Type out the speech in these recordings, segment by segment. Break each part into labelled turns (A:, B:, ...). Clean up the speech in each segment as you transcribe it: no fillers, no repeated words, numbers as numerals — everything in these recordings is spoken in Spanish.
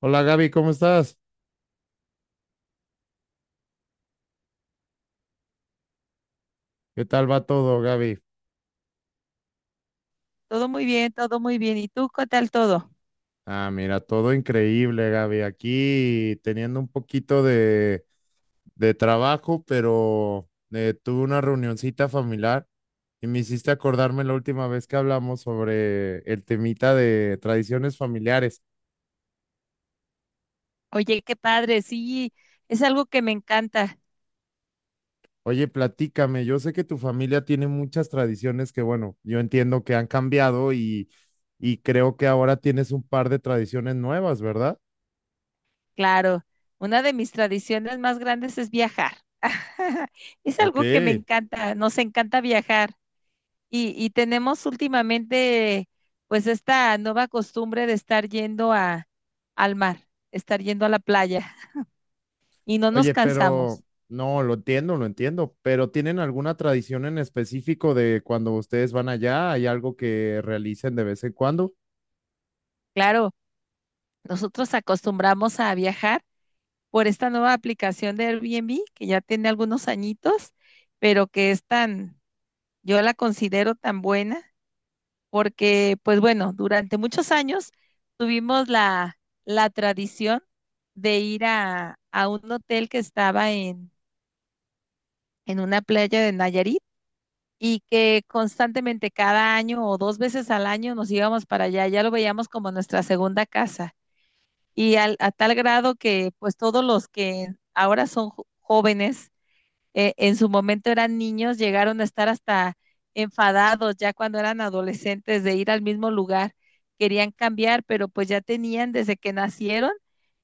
A: Hola Gaby, ¿cómo estás? ¿Qué tal va todo, Gaby?
B: Todo muy bien, todo muy bien. ¿Y tú qué tal todo?
A: Ah, mira, todo increíble, Gaby. Aquí teniendo un poquito de trabajo, pero tuve una reunioncita familiar y me hiciste acordarme la última vez que hablamos sobre el temita de tradiciones familiares.
B: Oye, qué padre, sí, es algo que me encanta,
A: Oye, platícame, yo sé que tu familia tiene muchas tradiciones que, bueno, yo entiendo que han cambiado y creo que ahora tienes un par de tradiciones nuevas, ¿verdad?
B: claro. Una de mis tradiciones más grandes es viajar. Es
A: Ok.
B: algo que me encanta, nos encanta viajar. Y tenemos últimamente, pues, esta nueva costumbre de estar yendo al mar, estar yendo a la playa y no nos
A: Oye,
B: cansamos.
A: pero no, lo entiendo, pero ¿tienen alguna tradición en específico de cuando ustedes van allá? ¿Hay algo que realicen de vez en cuando?
B: Claro, nosotros acostumbramos a viajar por esta nueva aplicación de Airbnb que ya tiene algunos añitos, pero que es tan, yo la considero tan buena porque, pues bueno, durante muchos años tuvimos la tradición de ir a un hotel que estaba en una playa de Nayarit y que constantemente cada año o dos veces al año nos íbamos para allá, ya lo veíamos como nuestra segunda casa. Y a tal grado que pues todos los que ahora son jóvenes en su momento eran niños, llegaron a estar hasta enfadados ya cuando eran adolescentes de ir al mismo lugar. Querían cambiar, pero pues ya tenían desde que nacieron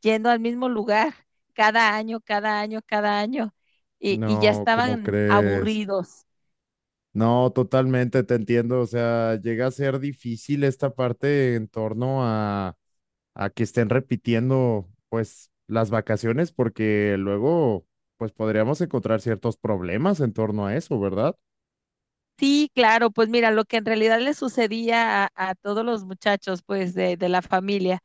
B: yendo al mismo lugar cada año, cada año, cada año y ya
A: No, ¿cómo
B: estaban
A: crees?
B: aburridos.
A: No, totalmente te entiendo. O sea, llega a ser difícil esta parte en torno a que estén repitiendo, pues, las vacaciones, porque luego, pues, podríamos encontrar ciertos problemas en torno a eso, ¿verdad?
B: Sí, claro, pues mira, lo que en realidad le sucedía a todos los muchachos pues de la familia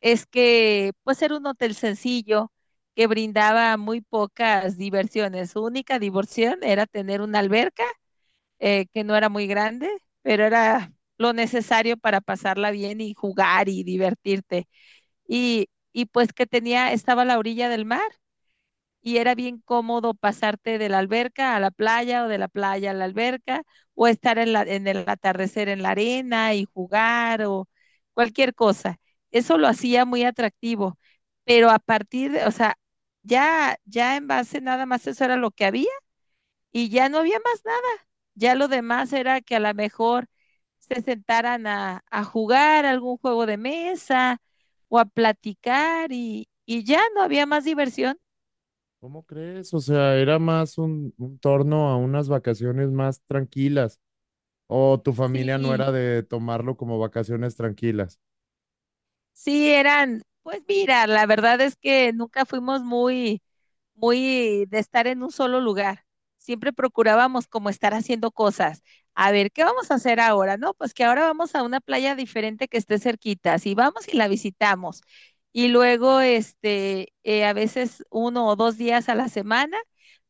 B: es que pues era un hotel sencillo que brindaba muy pocas diversiones. Su única diversión era tener una alberca que no era muy grande, pero era lo necesario para pasarla bien y jugar y divertirte. Y, y pues que tenía, estaba a la orilla del mar y era bien cómodo pasarte de la alberca a la playa o de la playa a la alberca o estar en el atardecer en la arena y jugar o cualquier cosa. Eso lo hacía muy atractivo, pero a partir de, o sea, ya en base nada más eso era lo que había y ya no había más nada. Ya lo demás era que a lo mejor se sentaran a jugar algún juego de mesa o a platicar y ya no había más diversión.
A: ¿Cómo crees? O sea, era más un torno a unas vacaciones más tranquilas. O tu familia no
B: Sí,
A: era de tomarlo como vacaciones tranquilas.
B: sí, eran, pues mira, la verdad es que nunca fuimos muy, muy de estar en un solo lugar. Siempre procurábamos como estar haciendo cosas. A ver, ¿qué vamos a hacer ahora? No, pues que ahora vamos a una playa diferente que esté cerquita. Si vamos y la visitamos. Y luego, este, a veces uno o dos días a la semana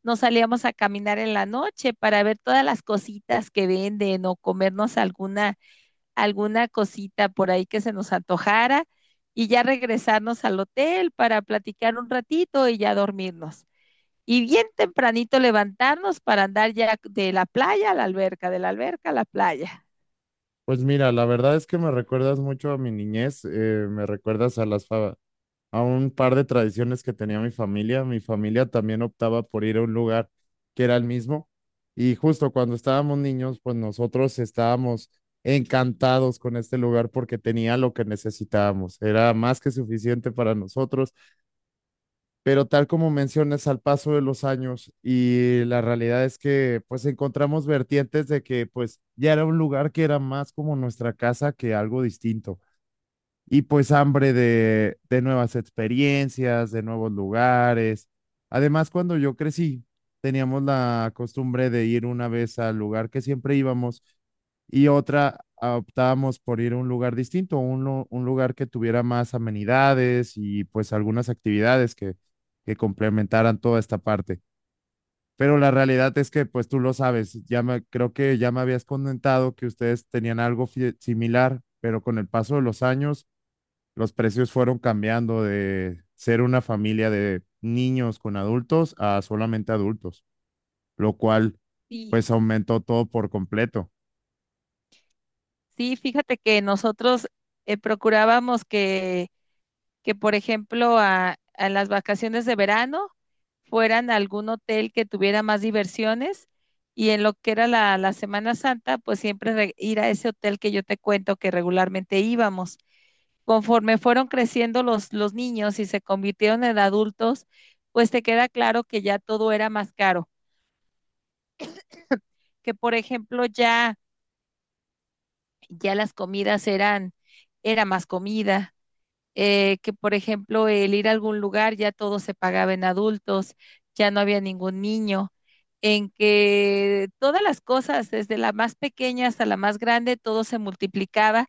B: nos salíamos a caminar en la noche para ver todas las cositas que venden o comernos alguna alguna cosita por ahí que se nos antojara y ya regresarnos al hotel para platicar un ratito y ya dormirnos. Y bien tempranito levantarnos para andar ya de la playa a la alberca, de la alberca a la playa.
A: Pues mira, la verdad es que me recuerdas mucho a mi niñez, me recuerdas a las a un par de tradiciones que tenía mi familia. Mi familia también optaba por ir a un lugar que era el mismo. Y justo cuando estábamos niños, pues nosotros estábamos encantados con este lugar porque tenía lo que necesitábamos. Era más que suficiente para nosotros. Pero tal como mencionas, al paso de los años y la realidad es que pues encontramos vertientes de que pues ya era un lugar que era más como nuestra casa que algo distinto y pues hambre de nuevas experiencias, de nuevos lugares. Además, cuando yo crecí, teníamos la costumbre de ir una vez al lugar que siempre íbamos y otra ah, optábamos por ir a un lugar distinto, un lugar que tuviera más amenidades y pues algunas actividades que complementaran toda esta parte. Pero la realidad es que, pues tú lo sabes, ya me, creo que ya me habías comentado que ustedes tenían algo similar, pero con el paso de los años los precios fueron cambiando de ser una familia de niños con adultos a solamente adultos, lo cual
B: Y
A: pues aumentó todo por completo.
B: sí, fíjate que nosotros procurábamos que, por ejemplo, a las vacaciones de verano fueran a algún hotel que tuviera más diversiones y en lo que era la Semana Santa, pues siempre ir a ese hotel que yo te cuento que regularmente íbamos. Conforme fueron creciendo los niños y se convirtieron en adultos, pues te queda claro que ya todo era más caro, que por ejemplo ya las comidas eran, era más comida, que por ejemplo el ir a algún lugar ya todo se pagaba en adultos, ya no había ningún niño, en que todas las cosas, desde la más pequeña hasta la más grande, todo se multiplicaba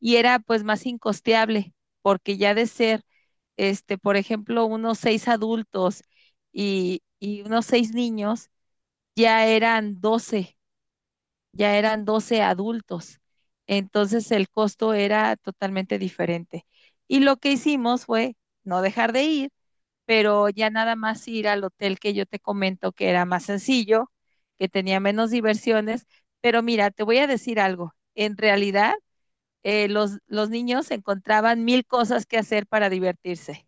B: y era pues más incosteable, porque ya de ser, este, por ejemplo, unos seis adultos y unos seis niños, ya eran doce ya eran 12 adultos. Entonces el costo era totalmente diferente. Y lo que hicimos fue no dejar de ir, pero ya nada más ir al hotel que yo te comento que era más sencillo, que tenía menos diversiones. Pero mira, te voy a decir algo. En realidad, los niños encontraban mil cosas que hacer para divertirse.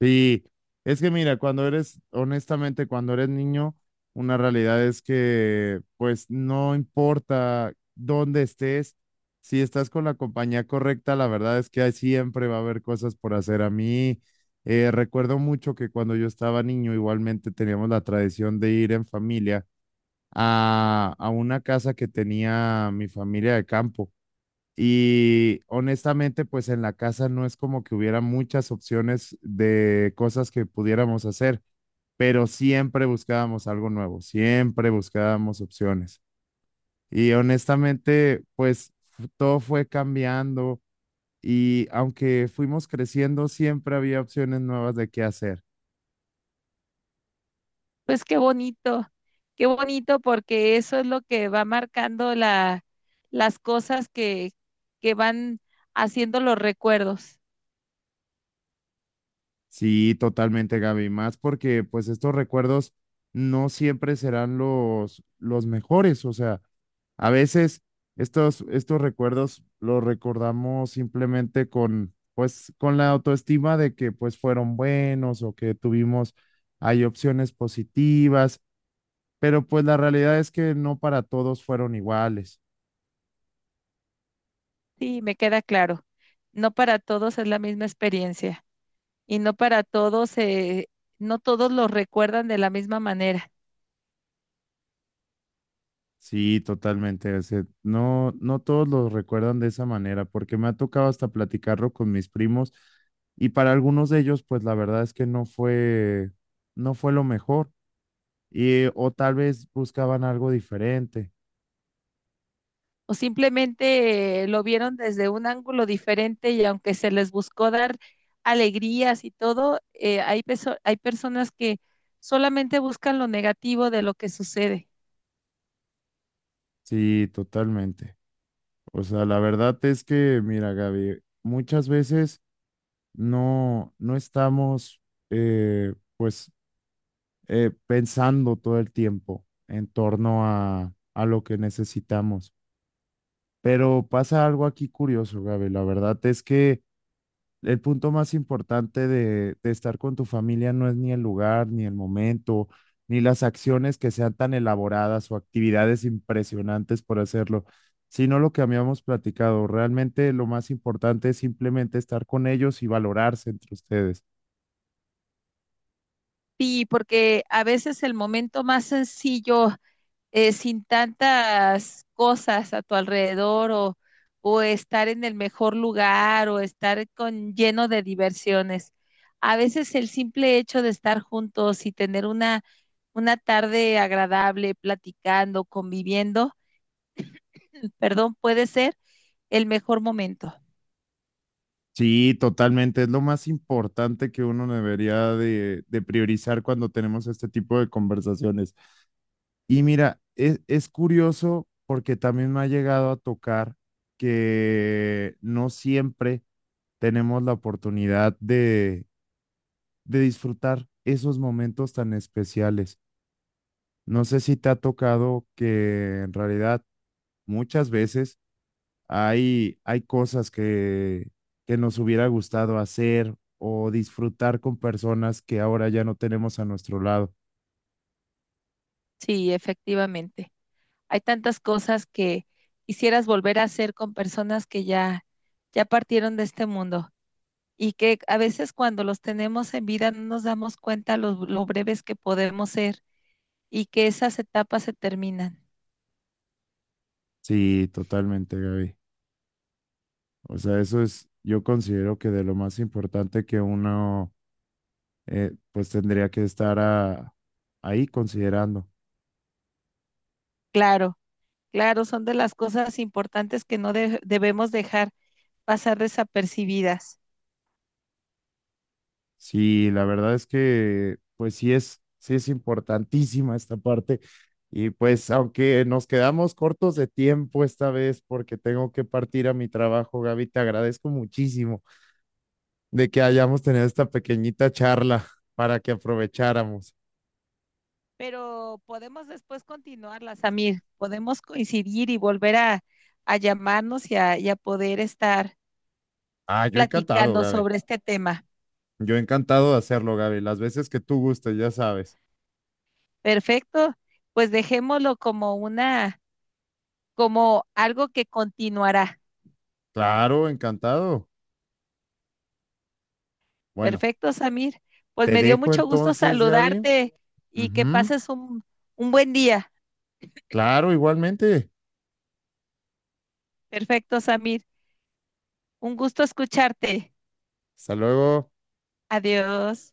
A: Y es que mira, cuando eres, honestamente, cuando eres niño, una realidad es que pues no importa dónde estés, si estás con la compañía correcta, la verdad es que ahí siempre va a haber cosas por hacer. A mí recuerdo mucho que cuando yo estaba niño igualmente teníamos la tradición de ir en familia a una casa que tenía mi familia de campo. Y honestamente, pues en la casa no es como que hubiera muchas opciones de cosas que pudiéramos hacer, pero siempre buscábamos algo nuevo, siempre buscábamos opciones. Y honestamente, pues todo fue cambiando y aunque fuimos creciendo, siempre había opciones nuevas de qué hacer.
B: Pues qué bonito porque eso es lo que va marcando las cosas que van haciendo los recuerdos.
A: Sí, totalmente, Gaby, más porque pues estos recuerdos no siempre serán los mejores, o sea, a veces estos, estos recuerdos los recordamos simplemente con, pues, con la autoestima de que pues fueron buenos o que tuvimos, hay opciones positivas, pero pues la realidad es que no para todos fueron iguales.
B: Sí, me queda claro. No para todos es la misma experiencia y no para todos, no todos lo recuerdan de la misma manera
A: Sí, totalmente. O sea, no, no todos lo recuerdan de esa manera, porque me ha tocado hasta platicarlo con mis primos y para algunos de ellos, pues la verdad es que no fue, no fue lo mejor y o tal vez buscaban algo diferente.
B: o simplemente lo vieron desde un ángulo diferente y aunque se les buscó dar alegrías y todo, hay personas que solamente buscan lo negativo de lo que sucede.
A: Sí, totalmente. O sea, la verdad es que, mira, Gaby, muchas veces no, no estamos, pues, pensando todo el tiempo en torno a lo que necesitamos. Pero pasa algo aquí curioso, Gaby. La verdad es que el punto más importante de estar con tu familia no es ni el lugar, ni el momento, ni las acciones que sean tan elaboradas o actividades impresionantes por hacerlo, sino lo que habíamos platicado. Realmente lo más importante es simplemente estar con ellos y valorarse entre ustedes.
B: Sí, porque a veces el momento más sencillo, sin tantas cosas a tu alrededor o estar en el mejor lugar o estar con lleno de diversiones. A veces el simple hecho de estar juntos y tener una tarde agradable, platicando, conviviendo, perdón, puede ser el mejor momento.
A: Sí, totalmente. Es lo más importante que uno debería de priorizar cuando tenemos este tipo de conversaciones. Y mira, es curioso porque también me ha llegado a tocar que no siempre tenemos la oportunidad de disfrutar esos momentos tan especiales. No sé si te ha tocado que en realidad muchas veces hay, hay cosas que nos hubiera gustado hacer o disfrutar con personas que ahora ya no tenemos a nuestro lado.
B: Sí, efectivamente. Hay tantas cosas que quisieras volver a hacer con personas que ya partieron de este mundo y que a veces cuando los tenemos en vida no nos damos cuenta lo breves que podemos ser y que esas etapas se terminan.
A: Sí, totalmente, Gaby. O sea, eso es, yo considero que de lo más importante que uno, pues tendría que estar ahí considerando.
B: Claro, claro, son de las cosas importantes que no debemos dejar pasar desapercibidas.
A: Sí, la verdad es que, pues sí es importantísima esta parte. Y pues aunque nos quedamos cortos de tiempo esta vez porque tengo que partir a mi trabajo, Gaby, te agradezco muchísimo de que hayamos tenido esta pequeñita charla para que aprovecháramos.
B: Pero podemos después continuarlas, Samir. Podemos coincidir y volver a llamarnos y a poder estar
A: Ah, yo encantado,
B: platicando
A: Gaby.
B: sobre este tema.
A: Yo encantado de hacerlo, Gaby, las veces que tú gustes, ya sabes.
B: Perfecto, pues dejémoslo como una, como algo que continuará.
A: Claro, encantado. Bueno,
B: Perfecto, Samir. Pues
A: te
B: me dio
A: dejo
B: mucho gusto
A: entonces, Gaby.
B: saludarte y que
A: Ujú.
B: pases un buen día.
A: Claro, igualmente.
B: Perfecto, Samir. Un gusto escucharte.
A: Hasta luego.
B: Adiós.